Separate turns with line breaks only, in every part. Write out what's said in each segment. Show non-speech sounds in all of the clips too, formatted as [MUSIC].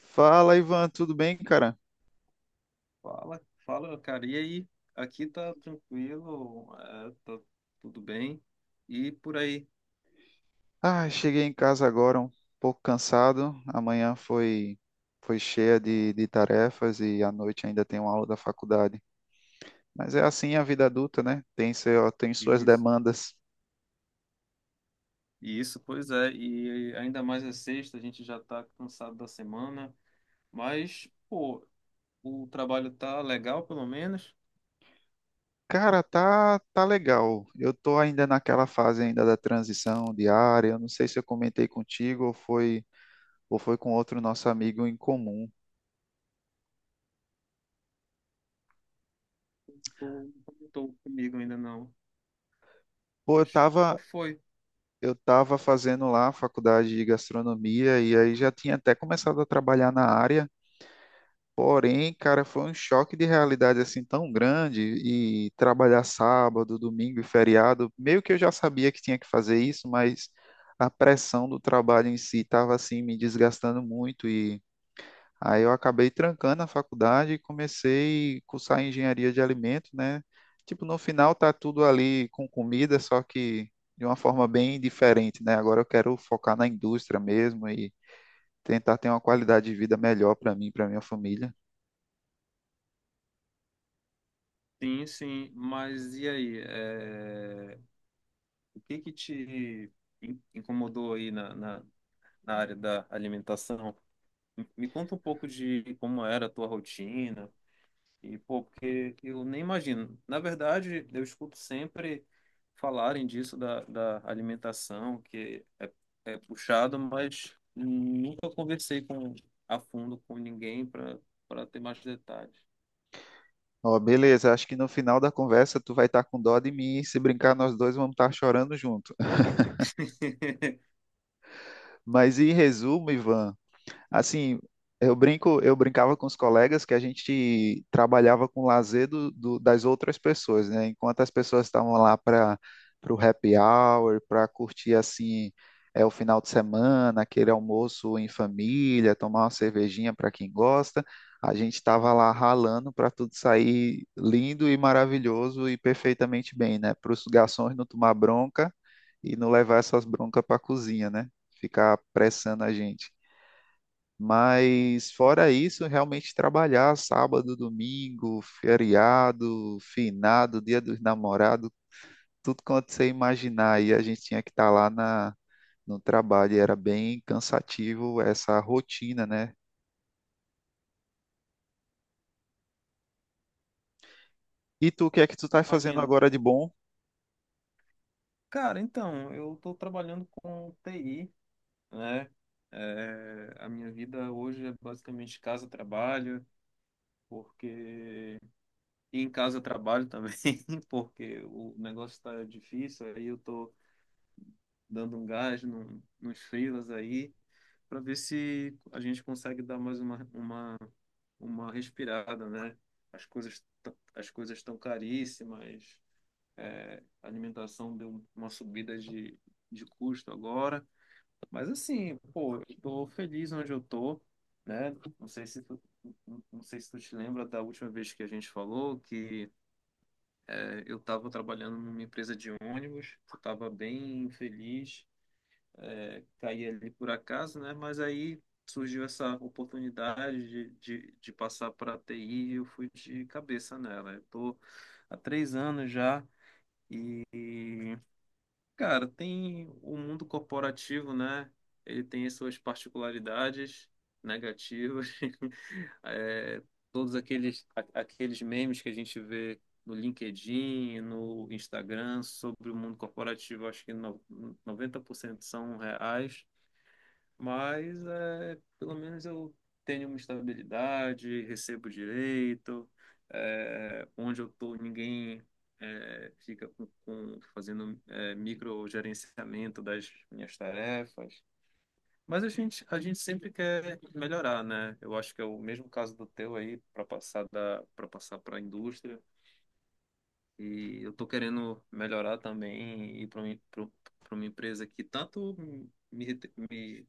Fala, Ivan, tudo bem, cara?
Fala, cara. E aí? Aqui tá tranquilo, tá tudo bem. E por aí?
Ah, cheguei em casa agora um pouco cansado. Amanhã foi cheia de tarefas e à noite ainda tem uma aula da faculdade. Mas é assim a vida adulta, né? Tem tem suas
Isso.
demandas.
Isso, pois é. E ainda mais é sexta, a gente já tá cansado da semana. Mas, pô, o trabalho tá legal, pelo menos.
Cara, tá legal. Eu tô ainda naquela fase ainda da transição diária. Eu não sei se eu comentei contigo ou foi com outro nosso amigo em comum.
Tô, não tô comigo ainda não.
Pô, eu
Mas
tava.
qual foi?
Eu estava fazendo lá a faculdade de gastronomia e aí já tinha até começado a trabalhar na área. Porém, cara, foi um choque de realidade assim tão grande e trabalhar sábado, domingo e feriado, meio que eu já sabia que tinha que fazer isso, mas a pressão do trabalho em si estava assim me desgastando muito e aí eu acabei trancando a faculdade e comecei a cursar engenharia de alimentos, né? Tipo, no final tá tudo ali com comida, só que de uma forma bem diferente, né? Agora eu quero focar na indústria mesmo e tentar ter uma qualidade de vida melhor para mim, para minha família.
Sim, sim. Mas e aí? O que que te incomodou aí na área da alimentação? Me conta um pouco de como era a tua rotina e pô, porque eu nem imagino. Na verdade, eu escuto sempre falarem disso da alimentação, é puxado, mas nunca conversei com a fundo com ninguém para ter mais detalhes.
Ó, beleza, acho que no final da conversa tu vai estar com dó de mim e se brincar nós dois vamos estar chorando junto. [LAUGHS]
[LAUGHS]
Mas em resumo, Ivan, assim, eu brincava com os colegas que a gente trabalhava com o lazer das outras pessoas, né? Enquanto as pessoas estavam lá para o happy hour, para curtir assim, é, o final de semana, aquele almoço em família, tomar uma cervejinha para quem gosta, a gente estava lá ralando para tudo sair lindo e maravilhoso e perfeitamente bem, né? Para os garçons não tomar bronca e não levar essas broncas para a cozinha, né? Ficar pressando a gente. Mas fora isso, realmente trabalhar sábado, domingo, feriado, finado, dia dos namorados, tudo quanto você imaginar. E a gente tinha que estar no trabalho. E era bem cansativo essa rotina, né? E tu, o que é que tu tá fazendo
Imagino,
agora
cara.
de bom?
Cara, então, eu estou trabalhando com TI, né? É, a minha vida hoje é basicamente casa-trabalho, porque E em casa eu trabalho também, [LAUGHS] porque o negócio está difícil, aí eu tô dando um gás no, nos freelas aí, para ver se a gente consegue dar mais uma respirada, né? As coisas estão caríssimas, é, a alimentação deu uma subida de custo agora, mas assim, pô, eu tô feliz onde eu tô, né? Não sei se tu, não sei se tu te lembra da última vez que a gente falou que eu estava trabalhando numa empresa de ônibus, estava bem feliz, é, caí ali por acaso, né? Mas aí surgiu essa oportunidade de passar para a TI e eu fui de cabeça nela. Eu tô há três anos já e, cara, tem o mundo corporativo, né? Ele tem as suas particularidades negativas. [LAUGHS] É, todos aqueles memes que a gente vê no LinkedIn, no Instagram sobre o mundo corporativo, acho que no, 90% são reais. Mas é, pelo menos eu tenho uma estabilidade, recebo direito, é, onde eu estou ninguém, fica fazendo, é, microgerenciamento das minhas tarefas. Mas a gente sempre quer melhorar, né? Eu acho que é o mesmo caso do teu aí, para passar para passar para a indústria. E eu estou querendo melhorar também e ir para uma empresa que tanto me, me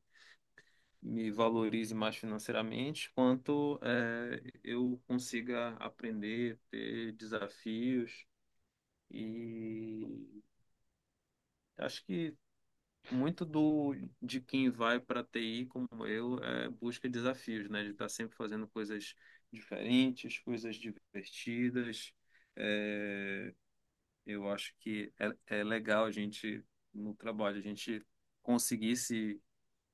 me valorize mais financeiramente, quanto eu consiga aprender, ter desafios. E acho que muito do de quem vai para TI como eu é busca desafios, né? De estar sempre fazendo coisas diferentes, coisas divertidas. Eh, eu acho que é, é legal a gente, no trabalho, a gente conseguir se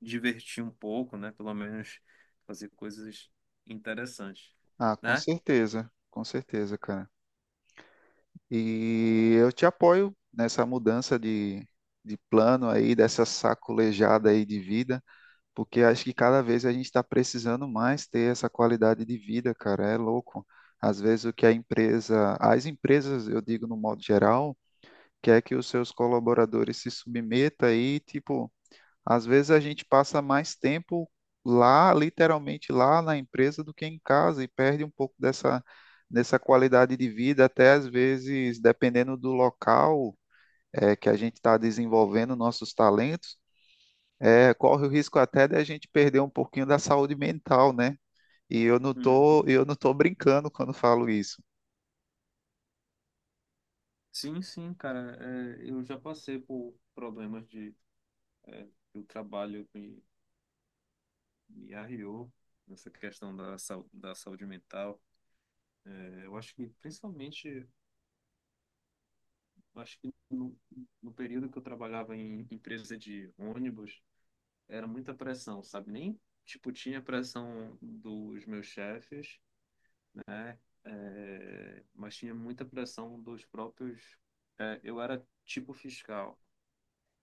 divertir um pouco, né? Pelo menos fazer coisas interessantes,
Ah,
né?
com certeza, cara. E eu te apoio nessa mudança de plano aí, dessa sacolejada aí de vida, porque acho que cada vez a gente está precisando mais ter essa qualidade de vida, cara. É louco. Às vezes o que as empresas, eu digo no modo geral, quer que os seus colaboradores se submetam e, tipo, às vezes a gente passa mais tempo lá, literalmente lá na empresa do que em casa e perde um pouco dessa qualidade de vida, até às vezes, dependendo do local. Que a gente está desenvolvendo nossos talentos, é, corre o risco até de a gente perder um pouquinho da saúde mental, né? E
Uhum.
eu não tô brincando quando falo isso.
Sim, sim, cara. É, eu já passei por problemas de, é, que o trabalho me arriou nessa questão da saúde mental. É, eu acho que, principalmente, eu acho que no período que eu trabalhava em empresa de ônibus, era muita pressão, sabe? Nem, tipo, tinha pressão dos meus chefes. É, mas tinha muita pressão dos próprios. É, eu era tipo fiscal,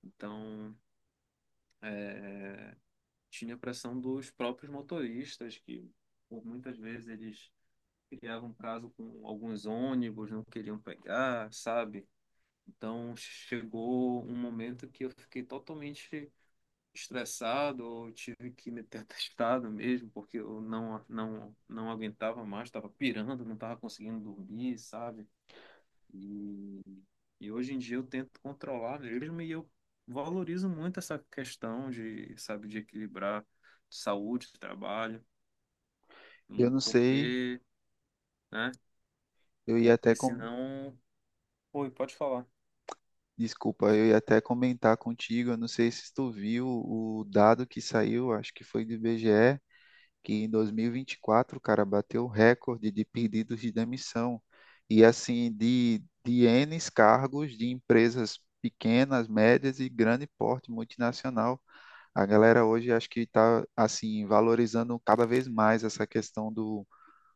então, é, tinha pressão dos próprios motoristas, que por muitas vezes eles criavam caso com alguns ônibus, não queriam pegar, sabe? Então chegou um momento que eu fiquei totalmente estressado, eu tive que meter atestado [LAUGHS] mesmo, porque eu não aguentava mais, estava pirando, não estava conseguindo dormir, sabe? E, e hoje em dia eu tento controlar mesmo e eu valorizo muito essa questão de, sabe, de equilibrar saúde, trabalho, e
Eu não sei,
porque, né?
eu ia até
Porque
com,
senão. Oi, pode falar.
desculpa, eu ia até comentar contigo, eu não sei se tu viu o dado que saiu, acho que foi do IBGE, que em 2024, cara, bateu o recorde de pedidos de demissão. E assim, de N cargos de empresas pequenas, médias e grande porte multinacional. A galera hoje acho que está assim valorizando cada vez mais essa questão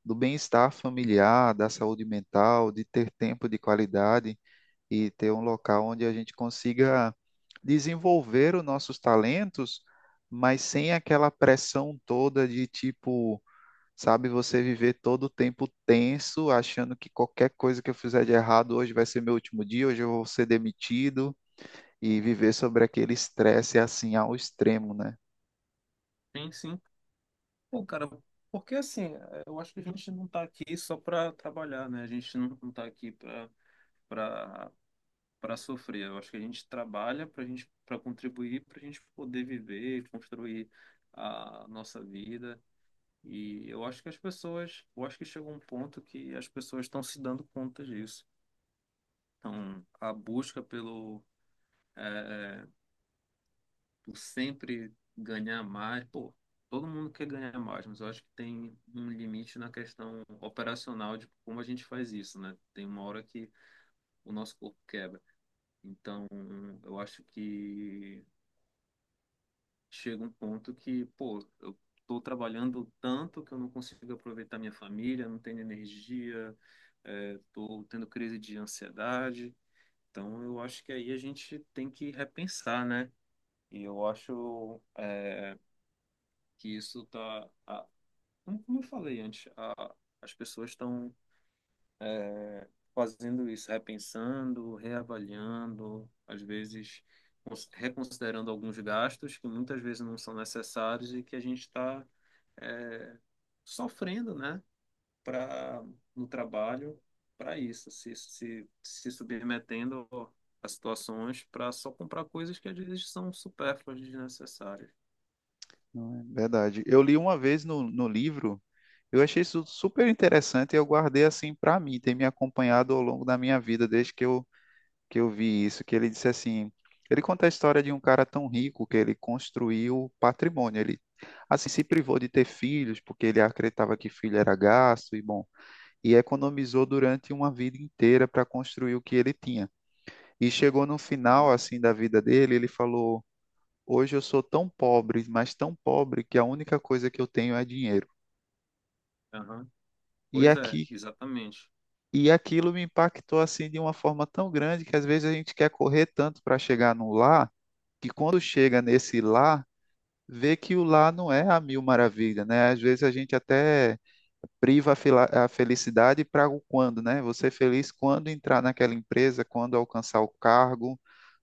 do bem-estar familiar, da saúde mental, de ter tempo de qualidade e ter um local onde a gente consiga desenvolver os nossos talentos, mas sem aquela pressão toda de tipo, sabe, você viver todo o tempo tenso, achando que qualquer coisa que eu fizer de errado hoje vai ser meu último dia, hoje eu vou ser demitido e viver sobre aquele estresse é assim ao extremo, né?
Sim, sim. Pô, cara, porque assim, eu acho que a gente não tá aqui só para trabalhar, né? A gente não tá aqui para para sofrer. Eu acho que a gente trabalha para gente, para contribuir, para a gente poder viver, construir a nossa vida. E eu acho que as pessoas, eu acho que chegou um ponto que as pessoas estão se dando conta disso. Então, a busca é, por sempre ganhar mais, pô, todo mundo quer ganhar mais, mas eu acho que tem um limite na questão operacional de como a gente faz isso, né? Tem uma hora que o nosso corpo quebra. Então, eu acho que chega um ponto que, pô, eu tô trabalhando tanto que eu não consigo aproveitar minha família, não tenho energia, é, tô tendo crise de ansiedade. Então, eu acho que aí a gente tem que repensar, né? E eu acho, é, que isso tá, como eu falei antes, a- as pessoas estão fazendo isso, repensando, reavaliando, às vezes reconsiderando alguns gastos que muitas vezes não são necessários e que a gente está, é, sofrendo, né, para, no trabalho, para isso, se submetendo a situações para só comprar coisas que às vezes são supérfluas, desnecessárias.
Não é verdade. Eu li uma vez no livro, eu achei isso super interessante e eu guardei assim para mim, tem me acompanhado ao longo da minha vida, desde que eu vi isso, que ele disse assim, ele conta a história de um cara tão rico que ele construiu patrimônio, ele assim se privou de ter filhos porque ele acreditava que filho era gasto e bom, e economizou durante uma vida inteira para construir o que ele tinha. E chegou no final
Aham,
assim da vida dele, ele falou: "Hoje eu sou tão pobre, mas tão pobre que a única coisa que eu tenho é dinheiro".
aham.
E
Pois é,
aqui
exatamente.
e aquilo me impactou assim de uma forma tão grande que às vezes a gente quer correr tanto para chegar no lá, que quando chega nesse lá, vê que o lá não é a mil maravilha, né? Às vezes a gente até a felicidade para o quando, né? Você é feliz quando entrar naquela empresa, quando alcançar o cargo,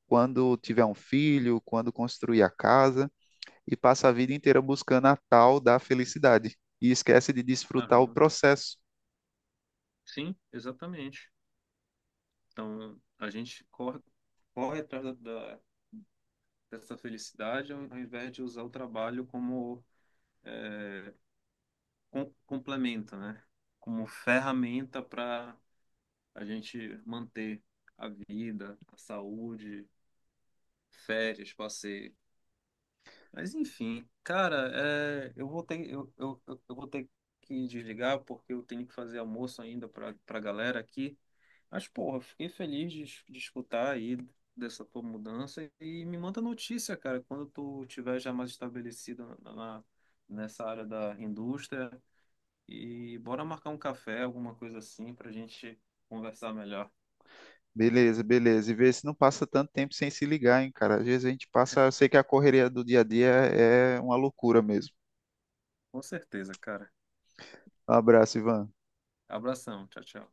quando tiver um filho, quando construir a casa, e passa a vida inteira buscando a tal da felicidade e esquece de desfrutar o
Aham.
processo.
Sim, exatamente. Então, a gente corre, corre atrás dessa felicidade ao, ao invés de usar o trabalho como complemento, né? Como ferramenta para a gente manter a vida, a saúde, férias, passeio. Mas enfim, cara, é, eu vou ter que desligar porque eu tenho que fazer almoço ainda para galera aqui. Mas, porra, fiquei feliz de, de escutar aí dessa tua mudança e me manda notícia, cara, quando tu tiver já mais estabelecido nessa área da indústria e bora marcar um café, alguma coisa assim, pra gente conversar melhor.
Beleza, beleza. E vê se não passa tanto tempo sem se ligar, hein, cara. Às vezes a gente passa, eu
[LAUGHS]
sei que a correria do dia a dia é uma loucura mesmo.
Com certeza, cara.
Um abraço, Ivan.
Abração, tchau, tchau.